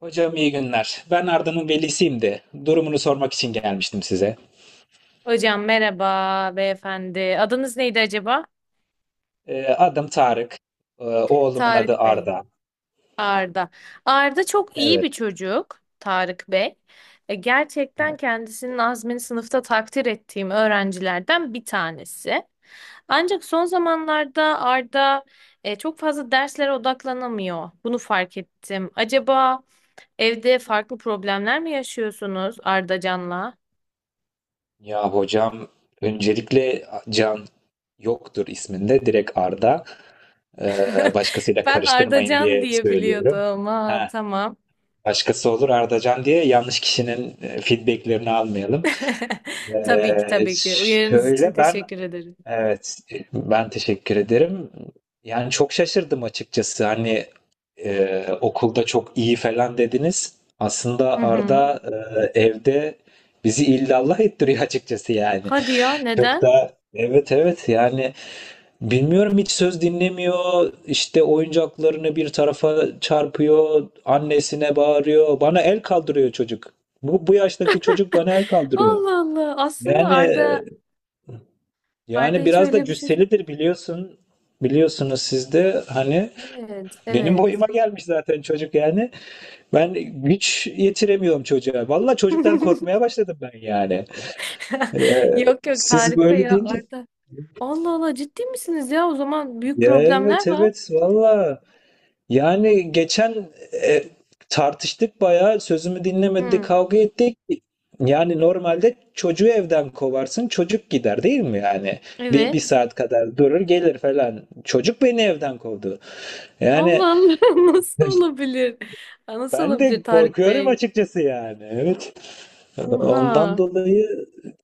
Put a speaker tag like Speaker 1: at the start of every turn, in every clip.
Speaker 1: Hocam iyi günler. Ben Arda'nın velisiyim de durumunu sormak için gelmiştim size.
Speaker 2: Hocam merhaba beyefendi. Adınız neydi acaba?
Speaker 1: Adım Tarık. Oğlumun adı
Speaker 2: Tarık Bey.
Speaker 1: Arda.
Speaker 2: Arda. Arda çok iyi
Speaker 1: Evet.
Speaker 2: bir çocuk. Tarık Bey. Gerçekten
Speaker 1: Evet.
Speaker 2: kendisinin azmini sınıfta takdir ettiğim öğrencilerden bir tanesi. Ancak son zamanlarda Arda çok fazla derslere odaklanamıyor. Bunu fark ettim. Acaba evde farklı problemler mi yaşıyorsunuz Ardacan'la?
Speaker 1: Ya hocam, öncelikle Can yoktur isminde, direkt Arda. Başkasıyla
Speaker 2: Ben
Speaker 1: karıştırmayın
Speaker 2: Ardacan
Speaker 1: diye
Speaker 2: diye
Speaker 1: söylüyorum.
Speaker 2: biliyordum. Ha,
Speaker 1: Ha,
Speaker 2: tamam.
Speaker 1: Başkası olur Ardacan diye yanlış kişinin feedbacklerini almayalım.
Speaker 2: Tabii ki
Speaker 1: Ee,
Speaker 2: tabii ki. Uyarınız için
Speaker 1: şöyle ben
Speaker 2: teşekkür ederim.
Speaker 1: Evet, ben teşekkür ederim. Yani çok şaşırdım açıkçası. Hani okulda çok iyi falan dediniz.
Speaker 2: Hı
Speaker 1: Aslında
Speaker 2: hı.
Speaker 1: Arda evde bizi illallah ettiriyor açıkçası yani.
Speaker 2: Hadi ya,
Speaker 1: Çok
Speaker 2: neden?
Speaker 1: da, evet evet, yani bilmiyorum, hiç söz dinlemiyor. İşte oyuncaklarını bir tarafa çarpıyor, annesine bağırıyor, bana el kaldırıyor çocuk. Bu yaştaki çocuk bana el kaldırıyor.
Speaker 2: Allah Allah. Aslında
Speaker 1: Yani
Speaker 2: Arda
Speaker 1: yani
Speaker 2: hiç
Speaker 1: biraz da
Speaker 2: öyle bir çocuk
Speaker 1: cüsselidir
Speaker 2: değil.
Speaker 1: biliyorsun. Biliyorsunuz siz de hani,
Speaker 2: Evet,
Speaker 1: benim
Speaker 2: evet.
Speaker 1: boyuma gelmiş zaten çocuk yani. Ben güç yetiremiyorum çocuğa. Vallahi çocuktan korkmaya başladım ben yani. Ee,
Speaker 2: Yok yok
Speaker 1: Siz
Speaker 2: Tarık Bey
Speaker 1: böyle
Speaker 2: ya,
Speaker 1: deyince...
Speaker 2: Arda. Allah Allah, ciddi misiniz ya? O zaman büyük
Speaker 1: Ya evet
Speaker 2: problemler var.
Speaker 1: evet, valla. Yani geçen, e, tartıştık bayağı, sözümü dinlemedi,
Speaker 2: Hı.
Speaker 1: kavga ettik. Yani normalde çocuğu evden kovarsın, çocuk gider değil mi yani? Bir, bir
Speaker 2: Evet.
Speaker 1: saat kadar durur gelir falan. Çocuk beni evden kovdu. Yani
Speaker 2: Allah Allah. Nasıl olabilir? Nasıl
Speaker 1: ben
Speaker 2: olabilir
Speaker 1: de
Speaker 2: Tarık
Speaker 1: korkuyorum
Speaker 2: Bey?
Speaker 1: açıkçası yani. Evet. Ondan
Speaker 2: Oha.
Speaker 1: dolayı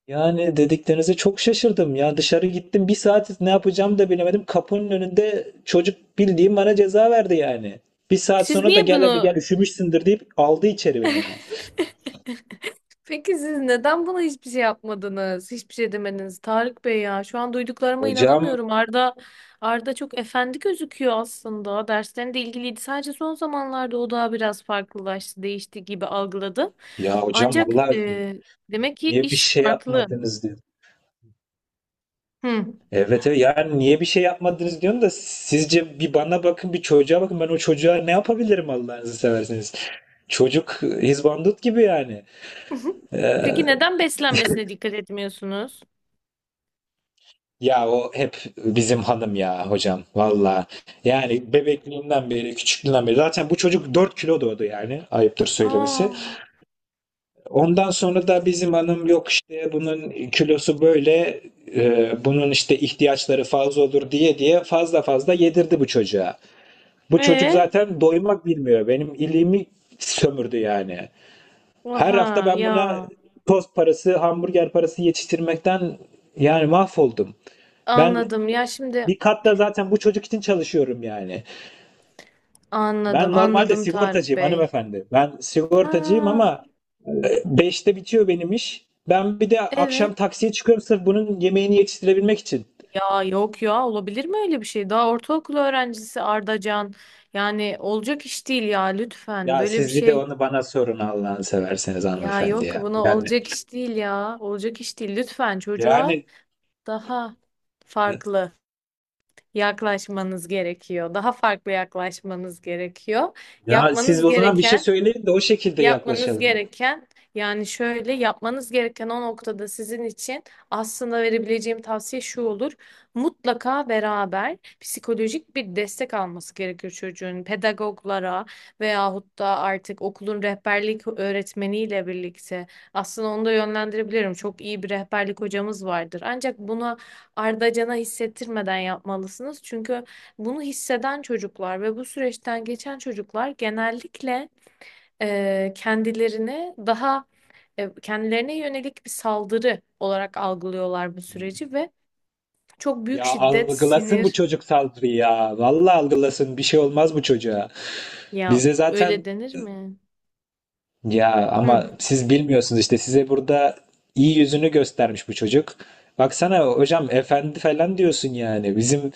Speaker 1: yani, dediklerinize çok şaşırdım. Ya dışarı gittim, bir saat ne yapacağımı da bilemedim. Kapının önünde çocuk, bildiğim, bana ceza verdi yani. Bir saat
Speaker 2: Siz
Speaker 1: sonra da
Speaker 2: niye
Speaker 1: "Gel hadi gel,
Speaker 2: bunu...
Speaker 1: üşümüşsündür" deyip aldı içeri beni yani.
Speaker 2: Peki siz neden buna hiçbir şey yapmadınız? Hiçbir şey demediniz Tarık Bey ya. Şu an duyduklarıma
Speaker 1: Hocam,
Speaker 2: inanamıyorum. Arda çok efendi gözüküyor aslında. Derslerinde ilgiliydi. Sadece son zamanlarda o daha biraz farklılaştı, değişti gibi algıladı.
Speaker 1: ya hocam
Speaker 2: Ancak
Speaker 1: valla,
Speaker 2: demek ki
Speaker 1: niye bir
Speaker 2: iş
Speaker 1: şey
Speaker 2: farklı.
Speaker 1: yapmadınız diyor.
Speaker 2: Hı.
Speaker 1: Evet evet, yani niye bir şey yapmadınız diyorum da, sizce bir bana bakın bir çocuğa bakın, ben o çocuğa ne yapabilirim Allah'ınızı seversiniz. Çocuk hizbandut gibi yani. Ee,
Speaker 2: Peki neden beslenmesine dikkat etmiyorsunuz?
Speaker 1: Ya o hep bizim hanım ya hocam valla. Yani bebekliğinden beri, küçüklüğünden beri, zaten bu çocuk 4 kilo doğdu yani, ayıptır söylemesi.
Speaker 2: Aa,
Speaker 1: Ondan sonra da bizim hanım, yok işte bunun kilosu böyle, bunun işte ihtiyaçları fazla olur diye diye, fazla fazla yedirdi bu çocuğa. Bu çocuk
Speaker 2: e,
Speaker 1: zaten doymak bilmiyor. Benim iliğimi sömürdü yani. Her
Speaker 2: aha
Speaker 1: hafta ben
Speaker 2: ya.
Speaker 1: buna tost parası, hamburger parası yetiştirmekten yani mahvoldum. Ben
Speaker 2: Anladım. Ya şimdi...
Speaker 1: bir katta zaten bu çocuk için çalışıyorum yani.
Speaker 2: Anladım,
Speaker 1: Ben normalde
Speaker 2: anladım Tarık
Speaker 1: sigortacıyım
Speaker 2: Bey.
Speaker 1: hanımefendi. Ben sigortacıyım
Speaker 2: Ha,
Speaker 1: ama beşte bitiyor benim iş. Ben bir de
Speaker 2: evet.
Speaker 1: akşam taksiye çıkıyorum, sırf bunun yemeğini yetiştirebilmek için.
Speaker 2: Ya yok ya, olabilir mi öyle bir şey? Daha ortaokul öğrencisi Ardacan. Yani olacak iş değil ya, lütfen
Speaker 1: Ya
Speaker 2: böyle bir
Speaker 1: siz bir de
Speaker 2: şey.
Speaker 1: onu bana sorun Allah'ını severseniz
Speaker 2: Ya
Speaker 1: hanımefendi
Speaker 2: yok,
Speaker 1: ya.
Speaker 2: buna olacak iş değil ya. Olacak iş değil, lütfen çocuğa
Speaker 1: Yani
Speaker 2: daha
Speaker 1: e,
Speaker 2: farklı yaklaşmanız gerekiyor. Daha farklı yaklaşmanız gerekiyor.
Speaker 1: Ya siz
Speaker 2: Yapmanız
Speaker 1: o zaman bir şey
Speaker 2: gereken
Speaker 1: söyleyin de o şekilde
Speaker 2: Yapmanız
Speaker 1: yaklaşalım.
Speaker 2: gereken yani şöyle yapmanız gereken o noktada sizin için aslında verebileceğim tavsiye şu olur. Mutlaka beraber psikolojik bir destek alması gerekiyor çocuğun. Pedagoglara veyahut da artık okulun rehberlik öğretmeniyle birlikte aslında onu da yönlendirebilirim. Çok iyi bir rehberlik hocamız vardır. Ancak bunu ardacana hissettirmeden yapmalısınız. Çünkü bunu hisseden çocuklar ve bu süreçten geçen çocuklar genellikle e, kendilerini daha kendilerine yönelik bir saldırı olarak algılıyorlar bu süreci ve çok büyük
Speaker 1: Ya
Speaker 2: şiddet,
Speaker 1: algılasın bu
Speaker 2: sinir...
Speaker 1: çocuk saldırıyı ya. Vallahi algılasın, bir şey olmaz bu çocuğa.
Speaker 2: Ya
Speaker 1: Bize
Speaker 2: öyle
Speaker 1: zaten
Speaker 2: denir mi?
Speaker 1: Ya ama
Speaker 2: Hı.
Speaker 1: siz bilmiyorsunuz işte, size burada iyi yüzünü göstermiş bu çocuk. Baksana hocam, efendi falan diyorsun yani. Bizim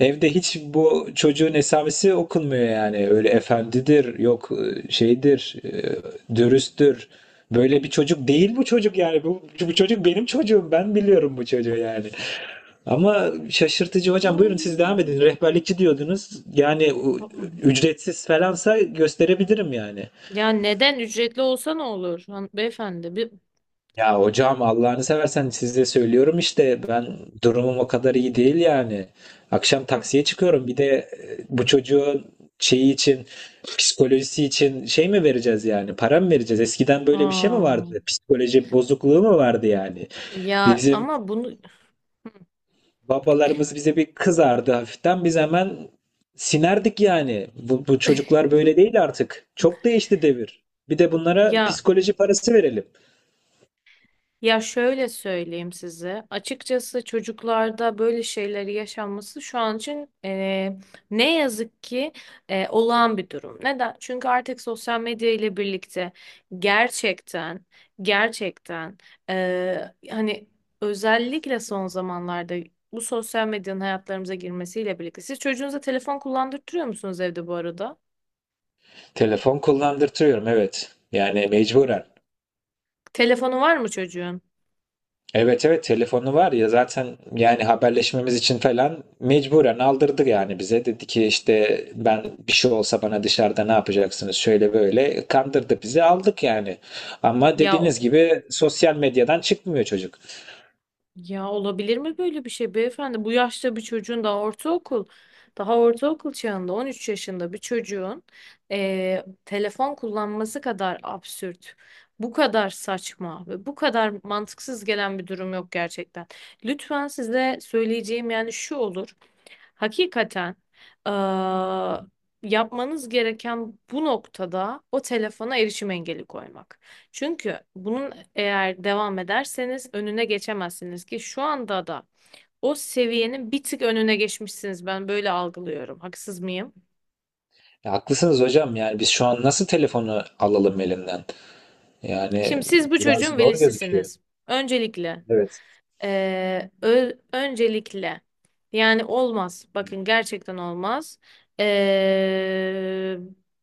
Speaker 1: evde hiç bu çocuğun esamesi okunmuyor yani. Öyle efendidir, yok şeydir, dürüsttür. Böyle bir çocuk değil bu çocuk yani. Bu çocuk benim çocuğum. Ben biliyorum bu çocuğu yani. Ama şaşırtıcı hocam. Buyurun siz devam edin.
Speaker 2: Aa.
Speaker 1: Rehberlikçi diyordunuz. Yani ücretsiz falansa gösterebilirim yani.
Speaker 2: Ya neden ücretli olsa ne olur Han- beyefendi? Bir...
Speaker 1: Ya hocam Allah'ını seversen size söylüyorum işte, ben durumum o kadar iyi değil yani. Akşam taksiye çıkıyorum, bir de bu çocuğun şeyi için, psikolojisi için şey mi vereceğiz yani, para mı vereceğiz? Eskiden böyle bir şey mi
Speaker 2: Aa,
Speaker 1: vardı? Psikoloji bozukluğu mu vardı yani?
Speaker 2: ya
Speaker 1: Bizim
Speaker 2: ama bunu
Speaker 1: babalarımız bize bir kızardı hafiften, biz hemen sinerdik yani. Bu çocuklar böyle değil artık. Çok değişti devir. Bir de bunlara
Speaker 2: ya...
Speaker 1: psikoloji parası verelim.
Speaker 2: Ya şöyle söyleyeyim size. Açıkçası çocuklarda böyle şeyleri yaşanması şu an için ne yazık ki olağan bir durum. Neden? Çünkü artık sosyal medya ile birlikte gerçekten gerçekten eee, hani özellikle son zamanlarda bu sosyal medyanın hayatlarımıza girmesiyle birlikte. Siz çocuğunuza telefon kullandırtıyor musunuz evde bu arada?
Speaker 1: Telefon kullandırtıyorum evet. Yani mecburen.
Speaker 2: Telefonu var mı çocuğun?
Speaker 1: Evet evet telefonu var ya zaten, yani haberleşmemiz için falan mecburen aldırdı yani bize. Dedi ki işte, ben bir şey olsa bana dışarıda ne yapacaksınız şöyle böyle, kandırdı bizi, aldık yani. Ama
Speaker 2: Ya o-...
Speaker 1: dediğiniz gibi sosyal medyadan çıkmıyor çocuk.
Speaker 2: Ya olabilir mi böyle bir şey beyefendi? Bu yaşta bir çocuğun, daha ortaokul, daha ortaokul çağında 13 yaşında bir çocuğun telefon kullanması kadar absürt, bu kadar saçma ve bu kadar mantıksız gelen bir durum yok gerçekten. Lütfen, size söyleyeceğim yani şu olur. Hakikaten eee, yapmanız gereken bu noktada o telefona erişim engeli koymak. Çünkü bunun eğer devam ederseniz önüne geçemezsiniz ki şu anda da o seviyenin bir tık önüne geçmişsiniz. Ben böyle algılıyorum. Haksız mıyım?
Speaker 1: Ya haklısınız hocam, yani biz şu an nasıl telefonu alalım elinden?
Speaker 2: Şimdi
Speaker 1: Yani
Speaker 2: siz bu
Speaker 1: biraz
Speaker 2: çocuğun
Speaker 1: zor gözüküyor.
Speaker 2: velisisiniz. Öncelikle
Speaker 1: Evet.
Speaker 2: eee, ö- öncelikle yani olmaz. Bakın gerçekten olmaz. Eee,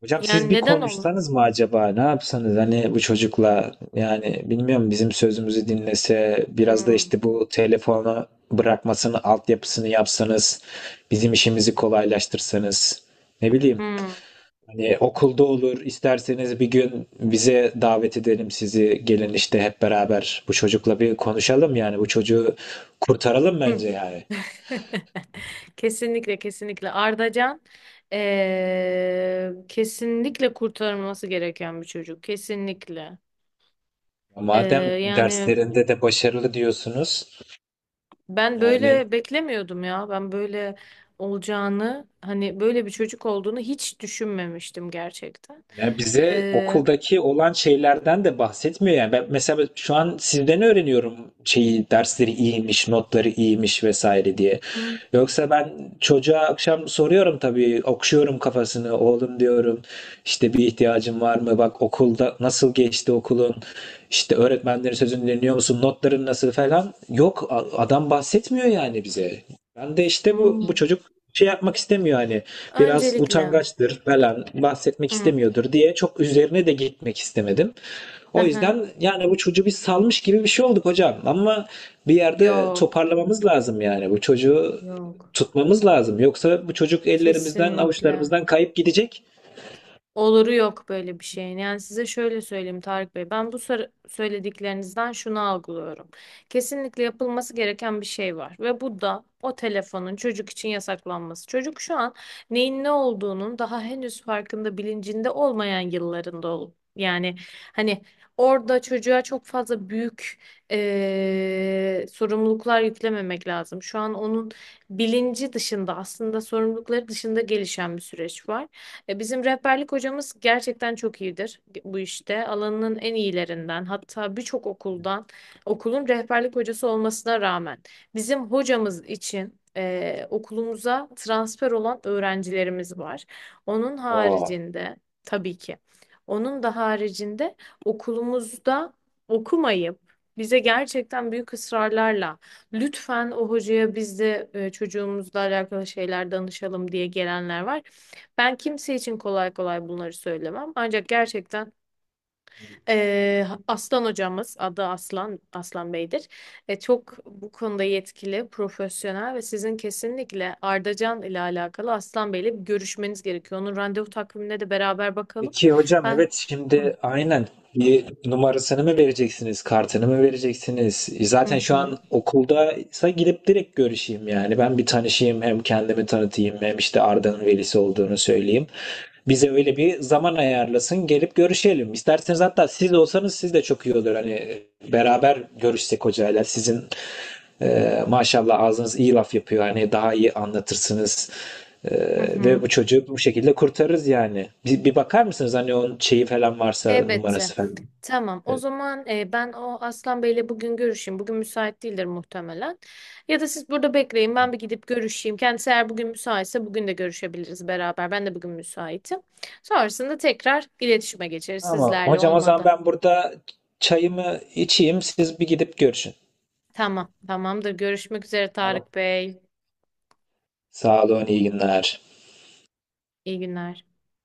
Speaker 1: Hocam siz
Speaker 2: Yani
Speaker 1: bir
Speaker 2: neden olmaz?
Speaker 1: konuşsanız mı acaba? Ne yapsanız hani, bu çocukla yani bilmiyorum, bizim sözümüzü dinlese biraz da,
Speaker 2: Hmm.
Speaker 1: işte bu telefonu bırakmasını altyapısını yapsanız, bizim işimizi kolaylaştırsanız, ne bileyim,
Speaker 2: Hmm.
Speaker 1: hani okulda olur isterseniz bir gün bize davet edelim sizi, gelin işte hep beraber bu çocukla bir konuşalım, yani bu çocuğu kurtaralım
Speaker 2: Hı.
Speaker 1: bence yani.
Speaker 2: Kesinlikle, kesinlikle Ardacan kesinlikle kurtarılması gereken bir çocuk, kesinlikle.
Speaker 1: Madem
Speaker 2: Eee, Yani
Speaker 1: derslerinde de başarılı diyorsunuz
Speaker 2: ben
Speaker 1: yani...
Speaker 2: böyle beklemiyordum ya, ben böyle olacağını, hani böyle bir çocuk olduğunu hiç düşünmemiştim gerçekten.
Speaker 1: Ya bize
Speaker 2: Eee,
Speaker 1: okuldaki olan şeylerden de bahsetmiyor yani. Ben mesela şu an sizden öğreniyorum şeyi, dersleri iyiymiş, notları iyiymiş vesaire diye.
Speaker 2: hı,
Speaker 1: Yoksa ben çocuğa akşam soruyorum tabii, okşuyorum kafasını. Oğlum diyorum, işte bir ihtiyacın var mı? Bak, okulda nasıl geçti okulun? İşte öğretmenlerin sözünü dinliyor musun? Notların nasıl falan? Yok, adam bahsetmiyor yani bize. Ben de işte bu
Speaker 2: hı.
Speaker 1: bu çocuk şey yapmak istemiyor, hani biraz
Speaker 2: Öncelikle
Speaker 1: utangaçtır falan, bahsetmek
Speaker 2: hı,
Speaker 1: istemiyordur diye çok üzerine de gitmek istemedim.
Speaker 2: hı
Speaker 1: O
Speaker 2: hı.
Speaker 1: yüzden yani bu çocuğu biz salmış gibi bir şey olduk hocam, ama bir yerde
Speaker 2: Yok,
Speaker 1: toparlamamız lazım yani bu çocuğu,
Speaker 2: yok,
Speaker 1: tutmamız lazım. Yoksa bu çocuk ellerimizden
Speaker 2: kesinlikle.
Speaker 1: avuçlarımızdan kayıp gidecek.
Speaker 2: Oluru yok böyle bir şeyin. Yani size şöyle söyleyeyim Tarık Bey. Ben bu sor- söylediklerinizden şunu algılıyorum. Kesinlikle yapılması gereken bir şey var. Ve bu da o telefonun çocuk için yasaklanması. Çocuk şu an neyin ne olduğunun daha henüz farkında, bilincinde olmayan yıllarında ol. Yani hani orada çocuğa çok fazla büyük sorumluluklar yüklememek lazım. Şu an onun bilinci dışında, aslında sorumlulukları dışında gelişen bir süreç var. E, bizim rehberlik hocamız gerçekten çok iyidir bu işte. Alanının en iyilerinden, hatta birçok okuldan, okulun rehberlik hocası olmasına rağmen bizim hocamız için e, okulumuza transfer olan öğrencilerimiz var. Onun
Speaker 1: Aa,
Speaker 2: haricinde, tabii ki onun da haricinde, okulumuzda okumayıp bize gerçekten büyük ısrarlarla lütfen o hocaya biz de e, çocuğumuzla alakalı şeyler danışalım diye gelenler var. Ben kimse için kolay kolay bunları söylemem. Ancak gerçekten Aslan hocamız, adı Aslan, Aslan Bey'dir. E, çok bu konuda yetkili, profesyonel ve sizin kesinlikle Ardacan ile alakalı Aslan Bey'le bir görüşmeniz gerekiyor. Onun randevu takvimine de beraber bakalım.
Speaker 1: peki hocam evet,
Speaker 2: Ben...
Speaker 1: şimdi aynen bir numarasını mı vereceksiniz, kartını mı vereceksiniz?
Speaker 2: Hı
Speaker 1: Zaten şu an
Speaker 2: hı.
Speaker 1: okuldaysa gidip direkt görüşeyim yani. Ben bir tanışayım, hem kendimi tanıtayım, hem işte Arda'nın velisi olduğunu söyleyeyim. Bize öyle bir zaman ayarlasın, gelip görüşelim. İsterseniz hatta siz olsanız siz de çok iyi olur. Hani beraber görüşsek hocayla, sizin maşallah ağzınız iyi laf yapıyor. Hani daha iyi anlatırsınız.
Speaker 2: Hı
Speaker 1: Ve
Speaker 2: hı.
Speaker 1: bu çocuğu bu şekilde kurtarırız yani. Bir, bir bakar mısınız hani onun şeyi falan varsa,
Speaker 2: Elbette.
Speaker 1: numarası falan.
Speaker 2: Tamam. O
Speaker 1: Evet.
Speaker 2: zaman e, ben o Aslan Bey'le bugün görüşeyim. Bugün müsait değildir muhtemelen. Ya da siz burada bekleyin. Ben bir gidip görüşeyim. Kendisi eğer bugün müsaitse bugün de görüşebiliriz beraber. Ben de bugün müsaitim. Sonrasında tekrar iletişime geçeriz
Speaker 1: Ama
Speaker 2: sizlerle,
Speaker 1: hocam o zaman
Speaker 2: olmadı.
Speaker 1: ben burada çayımı içeyim, siz bir gidip görüşün.
Speaker 2: Tamam. Tamamdır. Görüşmek üzere
Speaker 1: Tamam.
Speaker 2: Tarık Bey.
Speaker 1: Sağ olun, iyi günler.
Speaker 2: İyi günler.